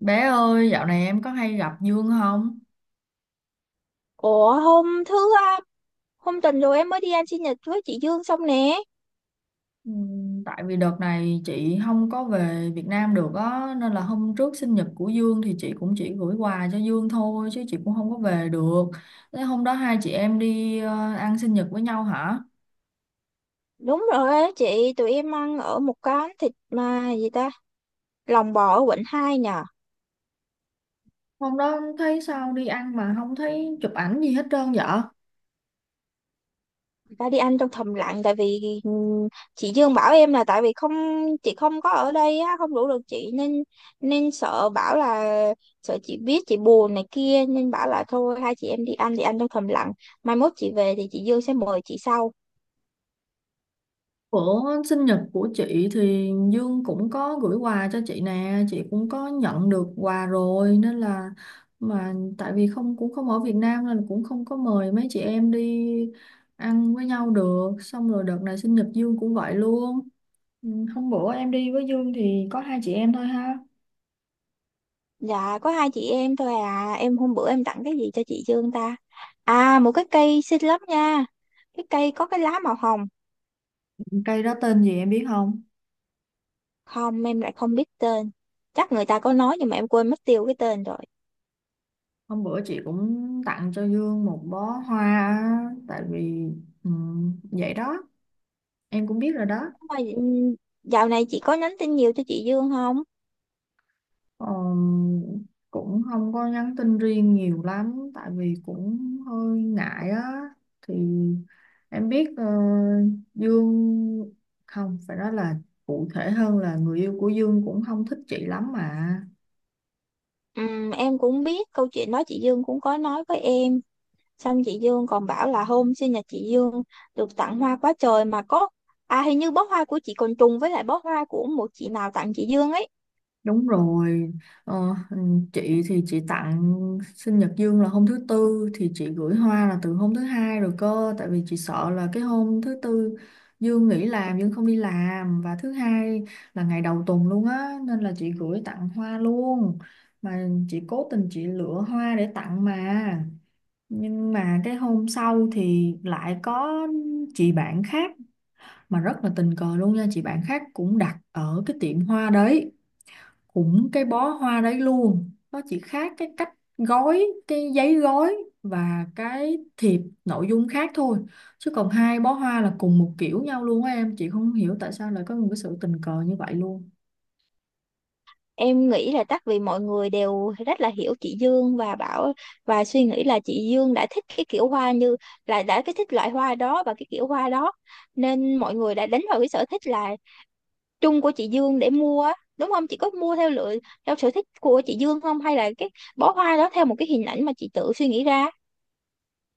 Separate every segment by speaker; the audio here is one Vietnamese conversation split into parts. Speaker 1: Bé ơi, dạo này em có hay gặp Dương không?
Speaker 2: Ủa hôm thứ à, Hôm tuần rồi em mới đi ăn sinh nhật với chị Dương xong nè.
Speaker 1: Tại vì đợt này chị không có về Việt Nam được á, nên là hôm trước sinh nhật của Dương thì chị cũng chỉ gửi quà cho Dương thôi, chứ chị cũng không có về được. Thế hôm đó hai chị em đi ăn sinh nhật với nhau hả?
Speaker 2: Đúng rồi á chị, tụi em ăn ở một quán thịt mà gì ta, lòng bò ở quận 2 nhờ.
Speaker 1: Hôm đó thấy sao đi ăn mà không thấy chụp ảnh gì hết trơn vậy?
Speaker 2: Người ta đi ăn trong thầm lặng tại vì chị Dương bảo em là tại vì không chị không có ở đây á, không rủ được chị nên nên sợ bảo là sợ chị biết chị buồn này kia nên bảo là thôi hai chị em đi ăn thì ăn trong thầm lặng. Mai mốt chị về thì chị Dương sẽ mời chị sau.
Speaker 1: Bữa sinh nhật của chị thì Dương cũng có gửi quà cho chị nè, chị cũng có nhận được quà rồi nên là mà tại vì không cũng không ở Việt Nam nên cũng không có mời mấy chị em đi ăn với nhau được. Xong rồi đợt này sinh nhật Dương cũng vậy luôn. Ừ, Hôm bữa em đi với Dương thì có hai chị em thôi ha.
Speaker 2: Dạ có hai chị em thôi à. Em hôm bữa em tặng cái gì cho chị Dương ta? À, một cái cây xinh lắm nha. Cái cây có cái lá màu hồng.
Speaker 1: Cây đó tên gì em biết không?
Speaker 2: Không, em lại không biết tên. Chắc người ta có nói nhưng mà em quên mất tiêu cái tên rồi.
Speaker 1: Hôm bữa chị cũng tặng cho Dương một bó hoa á, tại vì ừ, vậy đó, em cũng biết rồi đó.
Speaker 2: Mà, ừm, Dạo này chị có nhắn tin nhiều cho chị Dương không?
Speaker 1: Ờ, Cũng không có nhắn tin riêng nhiều lắm tại vì cũng hơi ngại á thì em biết Dương không phải nói là cụ thể hơn là người yêu của Dương cũng không thích chị lắm mà.
Speaker 2: Em cũng biết câu chuyện đó, chị Dương cũng có nói với em. Xong chị Dương còn bảo là hôm sinh nhật chị Dương được tặng hoa quá trời mà có, à, hình như bó hoa của chị còn trùng với lại bó hoa của một chị nào tặng chị Dương ấy.
Speaker 1: Đúng rồi, ờ, ừ, chị thì chị tặng sinh nhật Dương là hôm thứ tư thì chị gửi hoa là từ hôm thứ hai rồi cơ, tại vì chị sợ là cái hôm thứ tư Dương nghỉ làm, Dương không đi làm, và thứ hai là ngày đầu tuần luôn á nên là chị gửi tặng hoa luôn, mà chị cố tình chị lựa hoa để tặng mà nhưng mà cái hôm sau thì lại có chị bạn khác, mà rất là tình cờ luôn nha, chị bạn khác cũng đặt ở cái tiệm hoa đấy, cũng cái bó hoa đấy luôn, nó chỉ khác cái cách gói, cái giấy gói và cái thiệp nội dung khác thôi, chứ còn hai bó hoa là cùng một kiểu nhau luôn á em, chị không hiểu tại sao lại có một cái sự tình cờ như vậy luôn.
Speaker 2: Em nghĩ là chắc vì mọi người đều rất là hiểu chị Dương và bảo và suy nghĩ là chị Dương đã thích cái kiểu hoa như là đã cái thích loại hoa đó và cái kiểu hoa đó, nên mọi người đã đánh vào cái sở thích là chung của chị Dương để mua á, đúng không? Chị có mua theo lựa theo sở thích của chị Dương không, hay là cái bó hoa đó theo một cái hình ảnh mà chị tự suy nghĩ ra?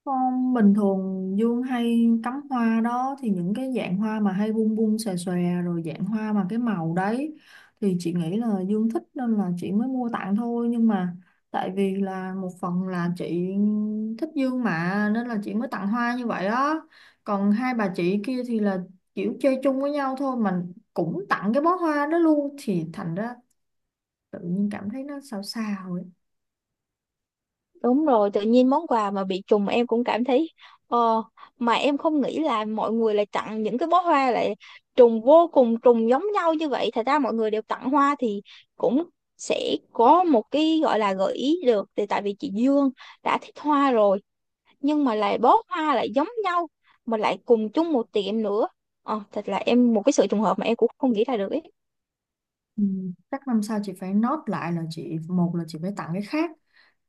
Speaker 1: Con bình thường Dương hay cắm hoa đó thì những cái dạng hoa mà hay bung bung xòe xòe, rồi dạng hoa mà cái màu đấy thì chị nghĩ là Dương thích nên là chị mới mua tặng thôi, nhưng mà tại vì là một phần là chị thích Dương mà nên là chị mới tặng hoa như vậy đó. Còn hai bà chị kia thì là kiểu chơi chung với nhau thôi mà cũng tặng cái bó hoa đó luôn thì thành ra tự nhiên cảm thấy nó sao sao ấy.
Speaker 2: Đúng rồi, tự nhiên món quà mà bị trùng em cũng cảm thấy ờ, mà em không nghĩ là mọi người lại tặng những cái bó hoa lại trùng vô cùng trùng giống nhau như vậy. Thật ra mọi người đều tặng hoa thì cũng sẽ có một cái gọi là gợi ý được, thì tại vì chị Dương đã thích hoa rồi nhưng mà lại bó hoa lại giống nhau mà lại cùng chung một tiệm nữa. Ờ, thật là em một cái sự trùng hợp mà em cũng không nghĩ ra được ấy.
Speaker 1: Ừ, Chắc năm sau chị phải nốt lại là chị, một là chị phải tặng cái khác,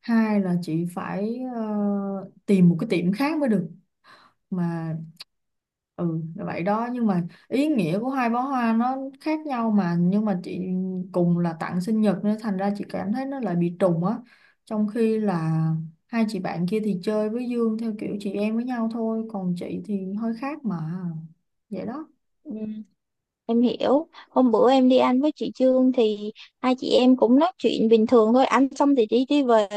Speaker 1: hai là chị phải tìm một cái tiệm khác mới được, mà ừ là vậy đó. Nhưng mà ý nghĩa của hai bó hoa nó khác nhau mà, nhưng mà chị cùng là tặng sinh nhật nên thành ra chị cảm thấy nó lại bị trùng á, trong khi là hai chị bạn kia thì chơi với Dương theo kiểu chị em với nhau thôi, còn chị thì hơi khác mà, vậy đó.
Speaker 2: Em hiểu, hôm bữa em đi ăn với chị Trương thì hai chị em cũng nói chuyện bình thường thôi, ăn xong thì đi đi về,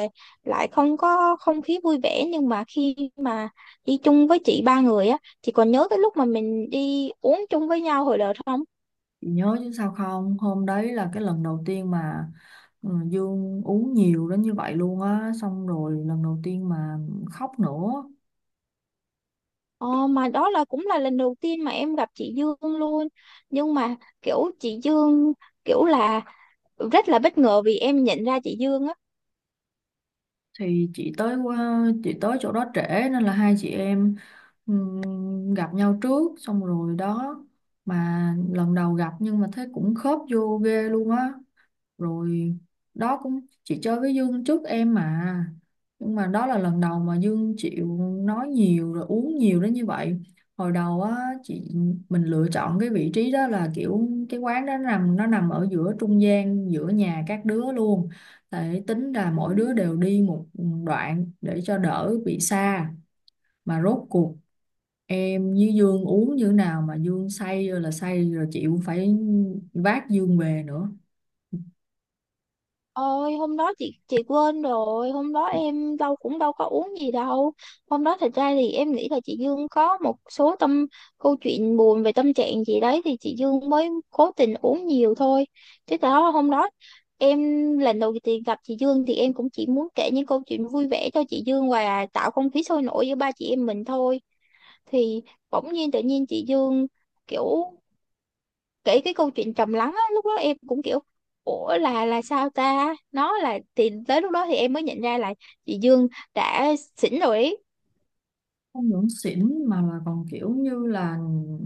Speaker 2: lại không có không khí vui vẻ, nhưng mà khi mà đi chung với chị ba người á, chị còn nhớ cái lúc mà mình đi uống chung với nhau hồi đợt không?
Speaker 1: Chị nhớ chứ sao không, hôm đấy là cái lần đầu tiên mà ừ, Dương uống nhiều đến như vậy luôn á, xong rồi lần đầu tiên mà khóc nữa.
Speaker 2: Ờ, mà đó là cũng là lần đầu tiên mà em gặp chị Dương luôn, nhưng mà kiểu chị Dương kiểu là rất là bất ngờ vì em nhận ra chị Dương á.
Speaker 1: Thì chị tới, qua chị tới chỗ đó trễ nên là hai chị em ừm, gặp nhau trước xong rồi đó, mà lần đầu gặp nhưng mà thấy cũng khớp vô ghê luôn á. Rồi đó, cũng chị chơi với Dương trước em mà, nhưng mà đó là lần đầu mà Dương chịu nói nhiều rồi uống nhiều đến như vậy. Hồi đầu á chị, mình lựa chọn cái vị trí đó là kiểu cái quán đó nằm, nó nằm ở giữa trung gian giữa nhà các đứa luôn để tính là mỗi đứa đều đi một đoạn để cho đỡ bị xa, mà rốt cuộc em với Dương uống như thế nào mà Dương say rồi là say rồi, chị cũng phải vác Dương về nữa.
Speaker 2: Ôi hôm đó chị quên rồi, hôm đó em đâu có uống gì đâu. Hôm đó thật ra thì em nghĩ là chị Dương có một số tâm câu chuyện buồn về tâm trạng gì đấy thì chị Dương mới cố tình uống nhiều thôi, chứ thật đó hôm đó em lần đầu tiên gặp chị Dương thì em cũng chỉ muốn kể những câu chuyện vui vẻ cho chị Dương và tạo không khí sôi nổi giữa ba chị em mình thôi. Thì bỗng nhiên tự nhiên chị Dương kiểu kể cái câu chuyện trầm lắng á, lúc đó em cũng kiểu ủa là sao ta, nó là thì tới lúc đó thì em mới nhận ra là chị Dương đã xỉn rồi ý.
Speaker 1: Không những xỉn mà còn kiểu như là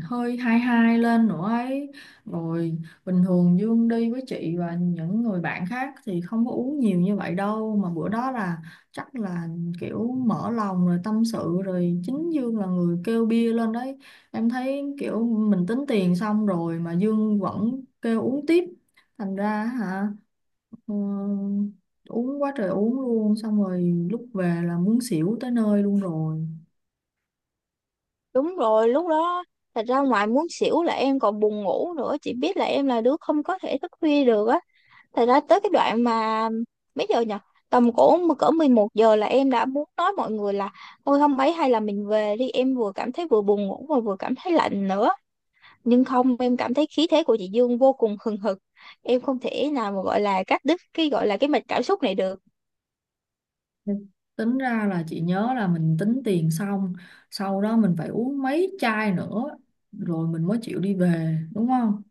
Speaker 1: hơi hai hai lên nữa ấy. Rồi bình thường Dương đi với chị và những người bạn khác thì không có uống nhiều như vậy đâu, mà bữa đó là chắc là kiểu mở lòng rồi tâm sự, rồi chính Dương là người kêu bia lên đấy. Em thấy kiểu mình tính tiền xong rồi mà Dương vẫn kêu uống tiếp, thành ra hả, ừ, uống quá trời uống luôn, xong rồi lúc về là muốn xỉu tới nơi luôn rồi.
Speaker 2: Đúng rồi, lúc đó thật ra ngoài muốn xỉu là em còn buồn ngủ nữa, chị biết là em là đứa không có thể thức khuya được á. Thật ra tới cái đoạn mà mấy giờ nhỉ, tầm cỡ cỡ 11 giờ là em đã muốn nói mọi người là thôi không ấy hay là mình về đi, em vừa cảm thấy vừa buồn ngủ mà vừa cảm thấy lạnh nữa, nhưng không, em cảm thấy khí thế của chị Dương vô cùng hừng hực, em không thể nào mà gọi là cắt đứt cái gọi là cái mạch cảm xúc này được.
Speaker 1: Tính ra là chị nhớ là mình tính tiền xong, sau đó mình phải uống mấy chai nữa, rồi mình mới chịu đi về, đúng không?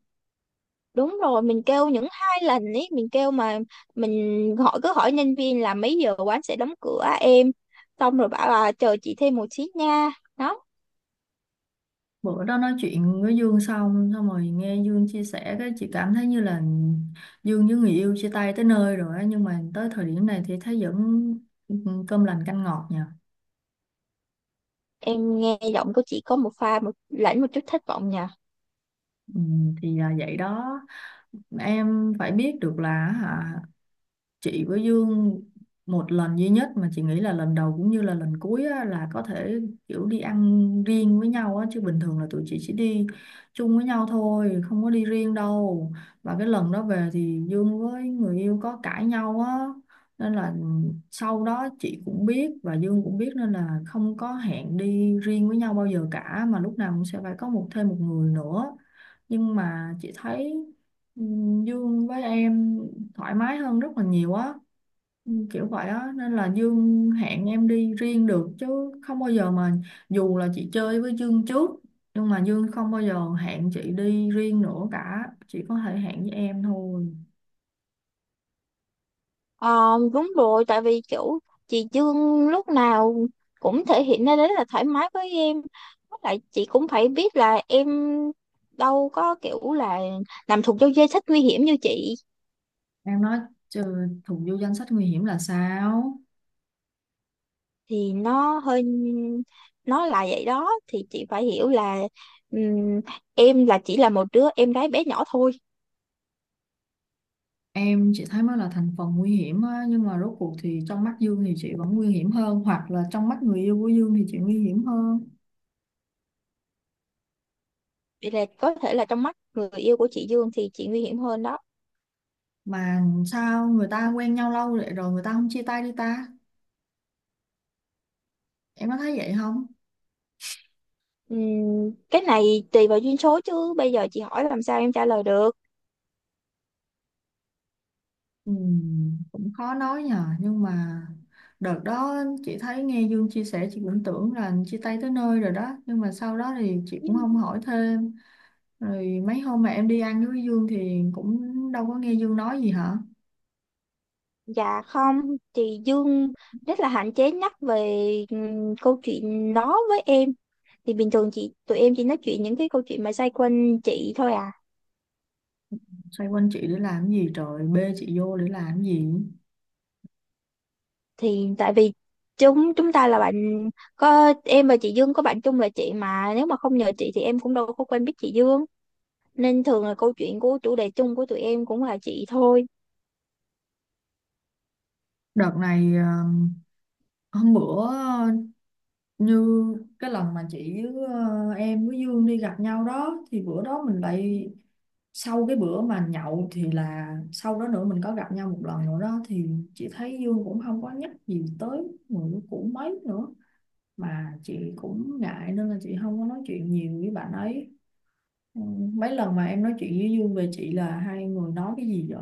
Speaker 2: Đúng rồi, mình kêu những hai lần ấy mình kêu, mà mình hỏi cứ hỏi nhân viên là mấy giờ quán sẽ đóng cửa em, xong rồi bảo là chờ chị thêm một xí nha. Đó,
Speaker 1: Bữa đó nói chuyện với Dương xong, xong rồi nghe Dương chia sẻ cái chị cảm thấy như là Dương với người yêu chia tay tới nơi rồi á, nhưng mà tới thời điểm này thì thấy vẫn ừ, cơm lành canh ngọt nha.
Speaker 2: em nghe giọng của chị có một pha một lẫn một chút thất vọng nhỉ.
Speaker 1: Ừ, thì là vậy đó, em phải biết được là hả, chị với Dương một lần duy nhất mà chị nghĩ là lần đầu cũng như là lần cuối á, là có thể kiểu đi ăn riêng với nhau á, chứ bình thường là tụi chị chỉ đi chung với nhau thôi, không có đi riêng đâu. Và cái lần đó về thì Dương với người yêu có cãi nhau á, nên là sau đó chị cũng biết và Dương cũng biết nên là không có hẹn đi riêng với nhau bao giờ cả, mà lúc nào cũng sẽ phải có một thêm một người nữa. Nhưng mà chị thấy Ừ, Dương với em thoải mái hơn rất là nhiều á. Kiểu vậy á, nên là Dương hẹn em đi riêng được, chứ không bao giờ mà, dù là chị chơi với Dương trước nhưng mà Dương không bao giờ hẹn chị đi riêng nữa cả, chỉ có thể hẹn với em thôi.
Speaker 2: Ờ, đúng rồi, tại vì kiểu chị Dương lúc nào cũng thể hiện ra đấy là thoải mái với em. Với lại chị cũng phải biết là em đâu có kiểu là làm thuộc vô danh sách nguy hiểm như chị.
Speaker 1: Em nói trừ thuộc vô danh sách nguy hiểm là sao?
Speaker 2: Thì nó hơi, nó là vậy đó, thì chị phải hiểu là ừm, em là chỉ là một đứa em gái bé nhỏ thôi.
Speaker 1: Em chỉ thấy mới là thành phần nguy hiểm á, nhưng mà rốt cuộc thì trong mắt Dương thì chị vẫn nguy hiểm hơn, hoặc là trong mắt người yêu của Dương thì chị nguy hiểm hơn.
Speaker 2: Vậy là có thể là trong mắt người yêu của chị Dương thì chị nguy hiểm hơn đó.
Speaker 1: Mà sao người ta quen nhau lâu vậy rồi người ta không chia tay đi ta, em có thấy vậy không?
Speaker 2: Cái này tùy vào duyên số chứ bây giờ chị hỏi làm sao em trả lời được.
Speaker 1: Ừ, cũng khó nói nhờ, nhưng mà đợt đó chị thấy nghe Dương chia sẻ chị cũng tưởng là chia tay tới nơi rồi đó, nhưng mà sau đó thì chị cũng không hỏi thêm. Rồi mấy hôm mà em đi ăn với Dương thì cũng đâu có nghe Dương nói gì hả?
Speaker 2: Dạ không, thì Dương rất là hạn chế nhắc về câu chuyện đó với em. Thì bình thường chị tụi em chỉ nói chuyện những cái câu chuyện mà xoay quanh chị thôi à.
Speaker 1: Xoay quanh chị để làm cái gì trời, bê chị vô để làm cái gì?
Speaker 2: Thì tại vì chúng chúng ta là bạn, có em và chị Dương có bạn chung là chị, mà nếu mà không nhờ chị thì em cũng đâu có quen biết chị Dương. Nên thường là câu chuyện của chủ đề chung của tụi em cũng là chị thôi.
Speaker 1: Đợt này hôm bữa như cái lần mà chị với em với Dương đi gặp nhau đó thì bữa đó mình lại, sau cái bữa mà nhậu thì là sau đó nữa mình có gặp nhau một lần nữa đó, thì chị thấy Dương cũng không có nhắc gì tới người cũ mấy nữa, mà chị cũng ngại nên là chị không có nói chuyện nhiều với bạn ấy. Ừ, Mấy lần mà em nói chuyện với Dương về chị là hai người nói cái gì vậy?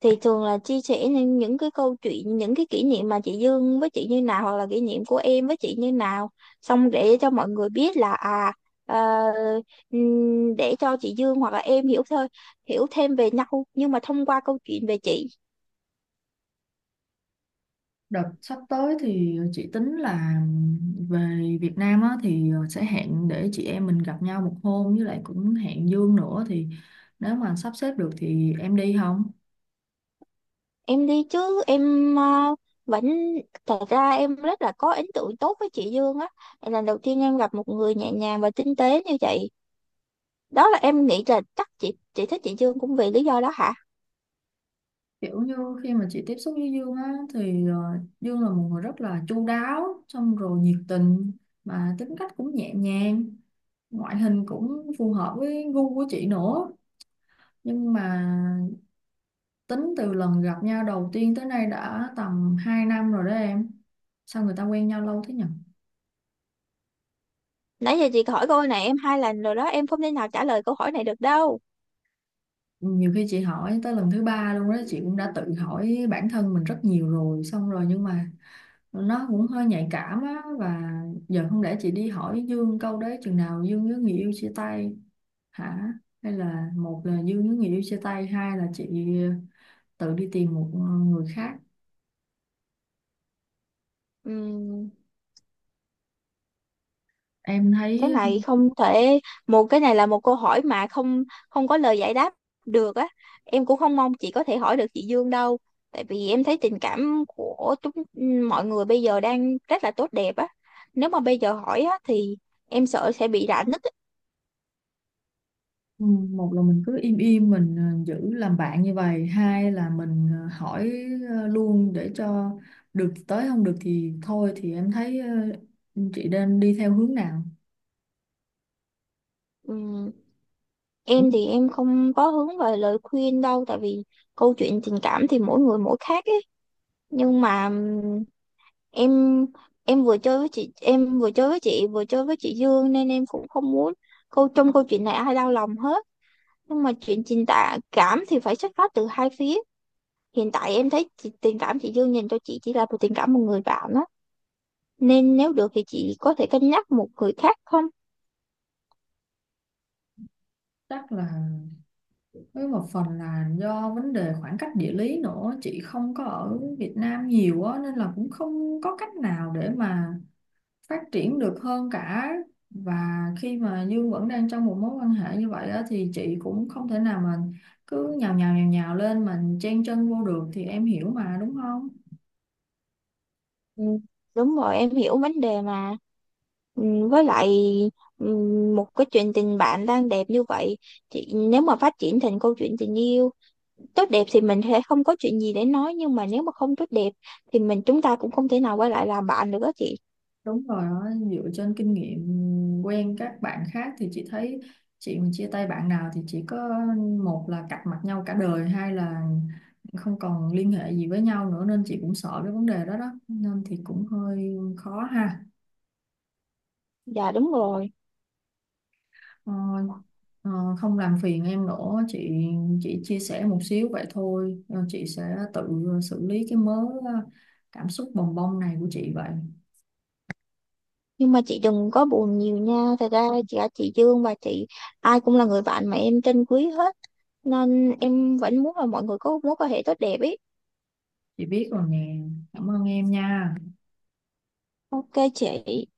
Speaker 2: Thì thường là chia sẻ những cái câu chuyện, những cái kỷ niệm mà chị Dương với chị như nào, hoặc là kỷ niệm của em với chị như nào, xong để cho mọi người biết là ờ, để cho chị Dương hoặc là em hiểu thôi, hiểu thêm về nhau, nhưng mà thông qua câu chuyện về chị.
Speaker 1: Đợt sắp tới thì chị tính là về Việt Nam á, thì sẽ hẹn để chị em mình gặp nhau một hôm, với lại cũng hẹn Dương nữa, thì nếu mà sắp xếp được thì em đi không?
Speaker 2: Em đi chứ, em vẫn, thật ra em rất là có ấn tượng tốt với chị Dương á. Lần đầu tiên em gặp một người nhẹ nhàng và tinh tế như vậy, đó là em nghĩ là chắc chị thích chị Dương cũng vì lý do đó hả.
Speaker 1: Kiểu như khi mà chị tiếp xúc với Dương á thì Dương là một người rất là chu đáo, xong rồi nhiệt tình, mà tính cách cũng nhẹ nhàng, ngoại hình cũng phù hợp với gu của chị nữa. Nhưng mà tính từ lần gặp nhau đầu tiên tới nay đã tầm 2 năm rồi đó em. Sao người ta quen nhau lâu thế nhỉ?
Speaker 2: Nãy giờ chị hỏi câu này em hai lần rồi đó, em không thể nào trả lời câu hỏi này được đâu.
Speaker 1: Nhiều khi chị hỏi tới lần thứ ba luôn đó, chị cũng đã tự hỏi bản thân mình rất nhiều rồi, xong rồi nhưng mà nó cũng hơi nhạy cảm á, và giờ không lẽ chị đi hỏi Dương câu đấy chừng nào Dương với người yêu chia tay hả? Hay là một là Dương với người yêu chia tay, hai là chị tự đi tìm một người khác.
Speaker 2: Ừm,
Speaker 1: Em
Speaker 2: cái
Speaker 1: thấy
Speaker 2: này không thể, một cái này là một câu hỏi mà không không có lời giải đáp được á. Em cũng không mong chị có thể hỏi được chị Dương đâu, tại vì em thấy tình cảm của chúng mọi người bây giờ đang rất là tốt đẹp á. Nếu mà bây giờ hỏi á thì em sợ sẽ bị rạn nứt á.
Speaker 1: ừ, một là mình cứ im im mình giữ làm bạn như vậy, hai là mình hỏi luôn để cho được thì tới, không được thì thôi, thì em thấy chị nên đi theo hướng nào?
Speaker 2: Ừm,
Speaker 1: Ừ.
Speaker 2: em thì em không có hướng về lời khuyên đâu, tại vì câu chuyện tình cảm thì mỗi người mỗi khác ấy. Nhưng mà em em vừa chơi với chị, em vừa chơi với chị, vừa chơi với chị Dương, nên em cũng không muốn câu trong câu chuyện này ai đau lòng hết. Nhưng mà chuyện tình cảm thì phải xuất phát từ hai phía. Hiện tại em thấy chị, tình cảm chị Dương dành cho chị chỉ là một tình cảm một người bạn đó, nên nếu được thì chị có thể cân nhắc một người khác không?
Speaker 1: Chắc là với một phần là do vấn đề khoảng cách địa lý nữa, chị không có ở Việt Nam nhiều á nên là cũng không có cách nào để mà phát triển được hơn cả. Và khi mà Dương vẫn đang trong một mối quan hệ như vậy á, thì chị cũng không thể nào mà cứ nhào nhào nhào nhào lên mà chen chân vô được, thì em hiểu mà đúng không?
Speaker 2: Ừ. Đúng rồi, em hiểu vấn đề mà. Ừ, Với lại ừ, một cái chuyện tình bạn đang đẹp như vậy, chị nếu mà phát triển thành câu chuyện tình yêu tốt đẹp thì mình sẽ không có chuyện gì để nói, nhưng mà nếu mà không tốt đẹp thì mình chúng ta cũng không thể nào quay lại làm bạn nữa chị.
Speaker 1: Đúng rồi đó, dựa trên kinh nghiệm quen các bạn khác thì chị thấy chị mà chia tay bạn nào thì chỉ có, một là cạch mặt nhau cả đời, hai là không còn liên hệ gì với nhau nữa, nên chị cũng sợ cái vấn đề đó đó, nên thì cũng hơi khó ha.
Speaker 2: Dạ đúng rồi.
Speaker 1: Ờ, ờ, Không làm phiền em nữa, chị chia sẻ một xíu vậy thôi. Ờ, chị sẽ tự xử lý cái mớ ờ, cảm xúc bồng bông này của chị vậy.
Speaker 2: Nhưng mà chị đừng có buồn nhiều nha, thật ra cả chị Dương và chị, ai cũng là người bạn mà em trân quý hết, nên em vẫn muốn là mọi người có mối quan hệ tốt đẹp ý.
Speaker 1: Chị biết rồi nè, cảm ơn em nha.
Speaker 2: Ok chị.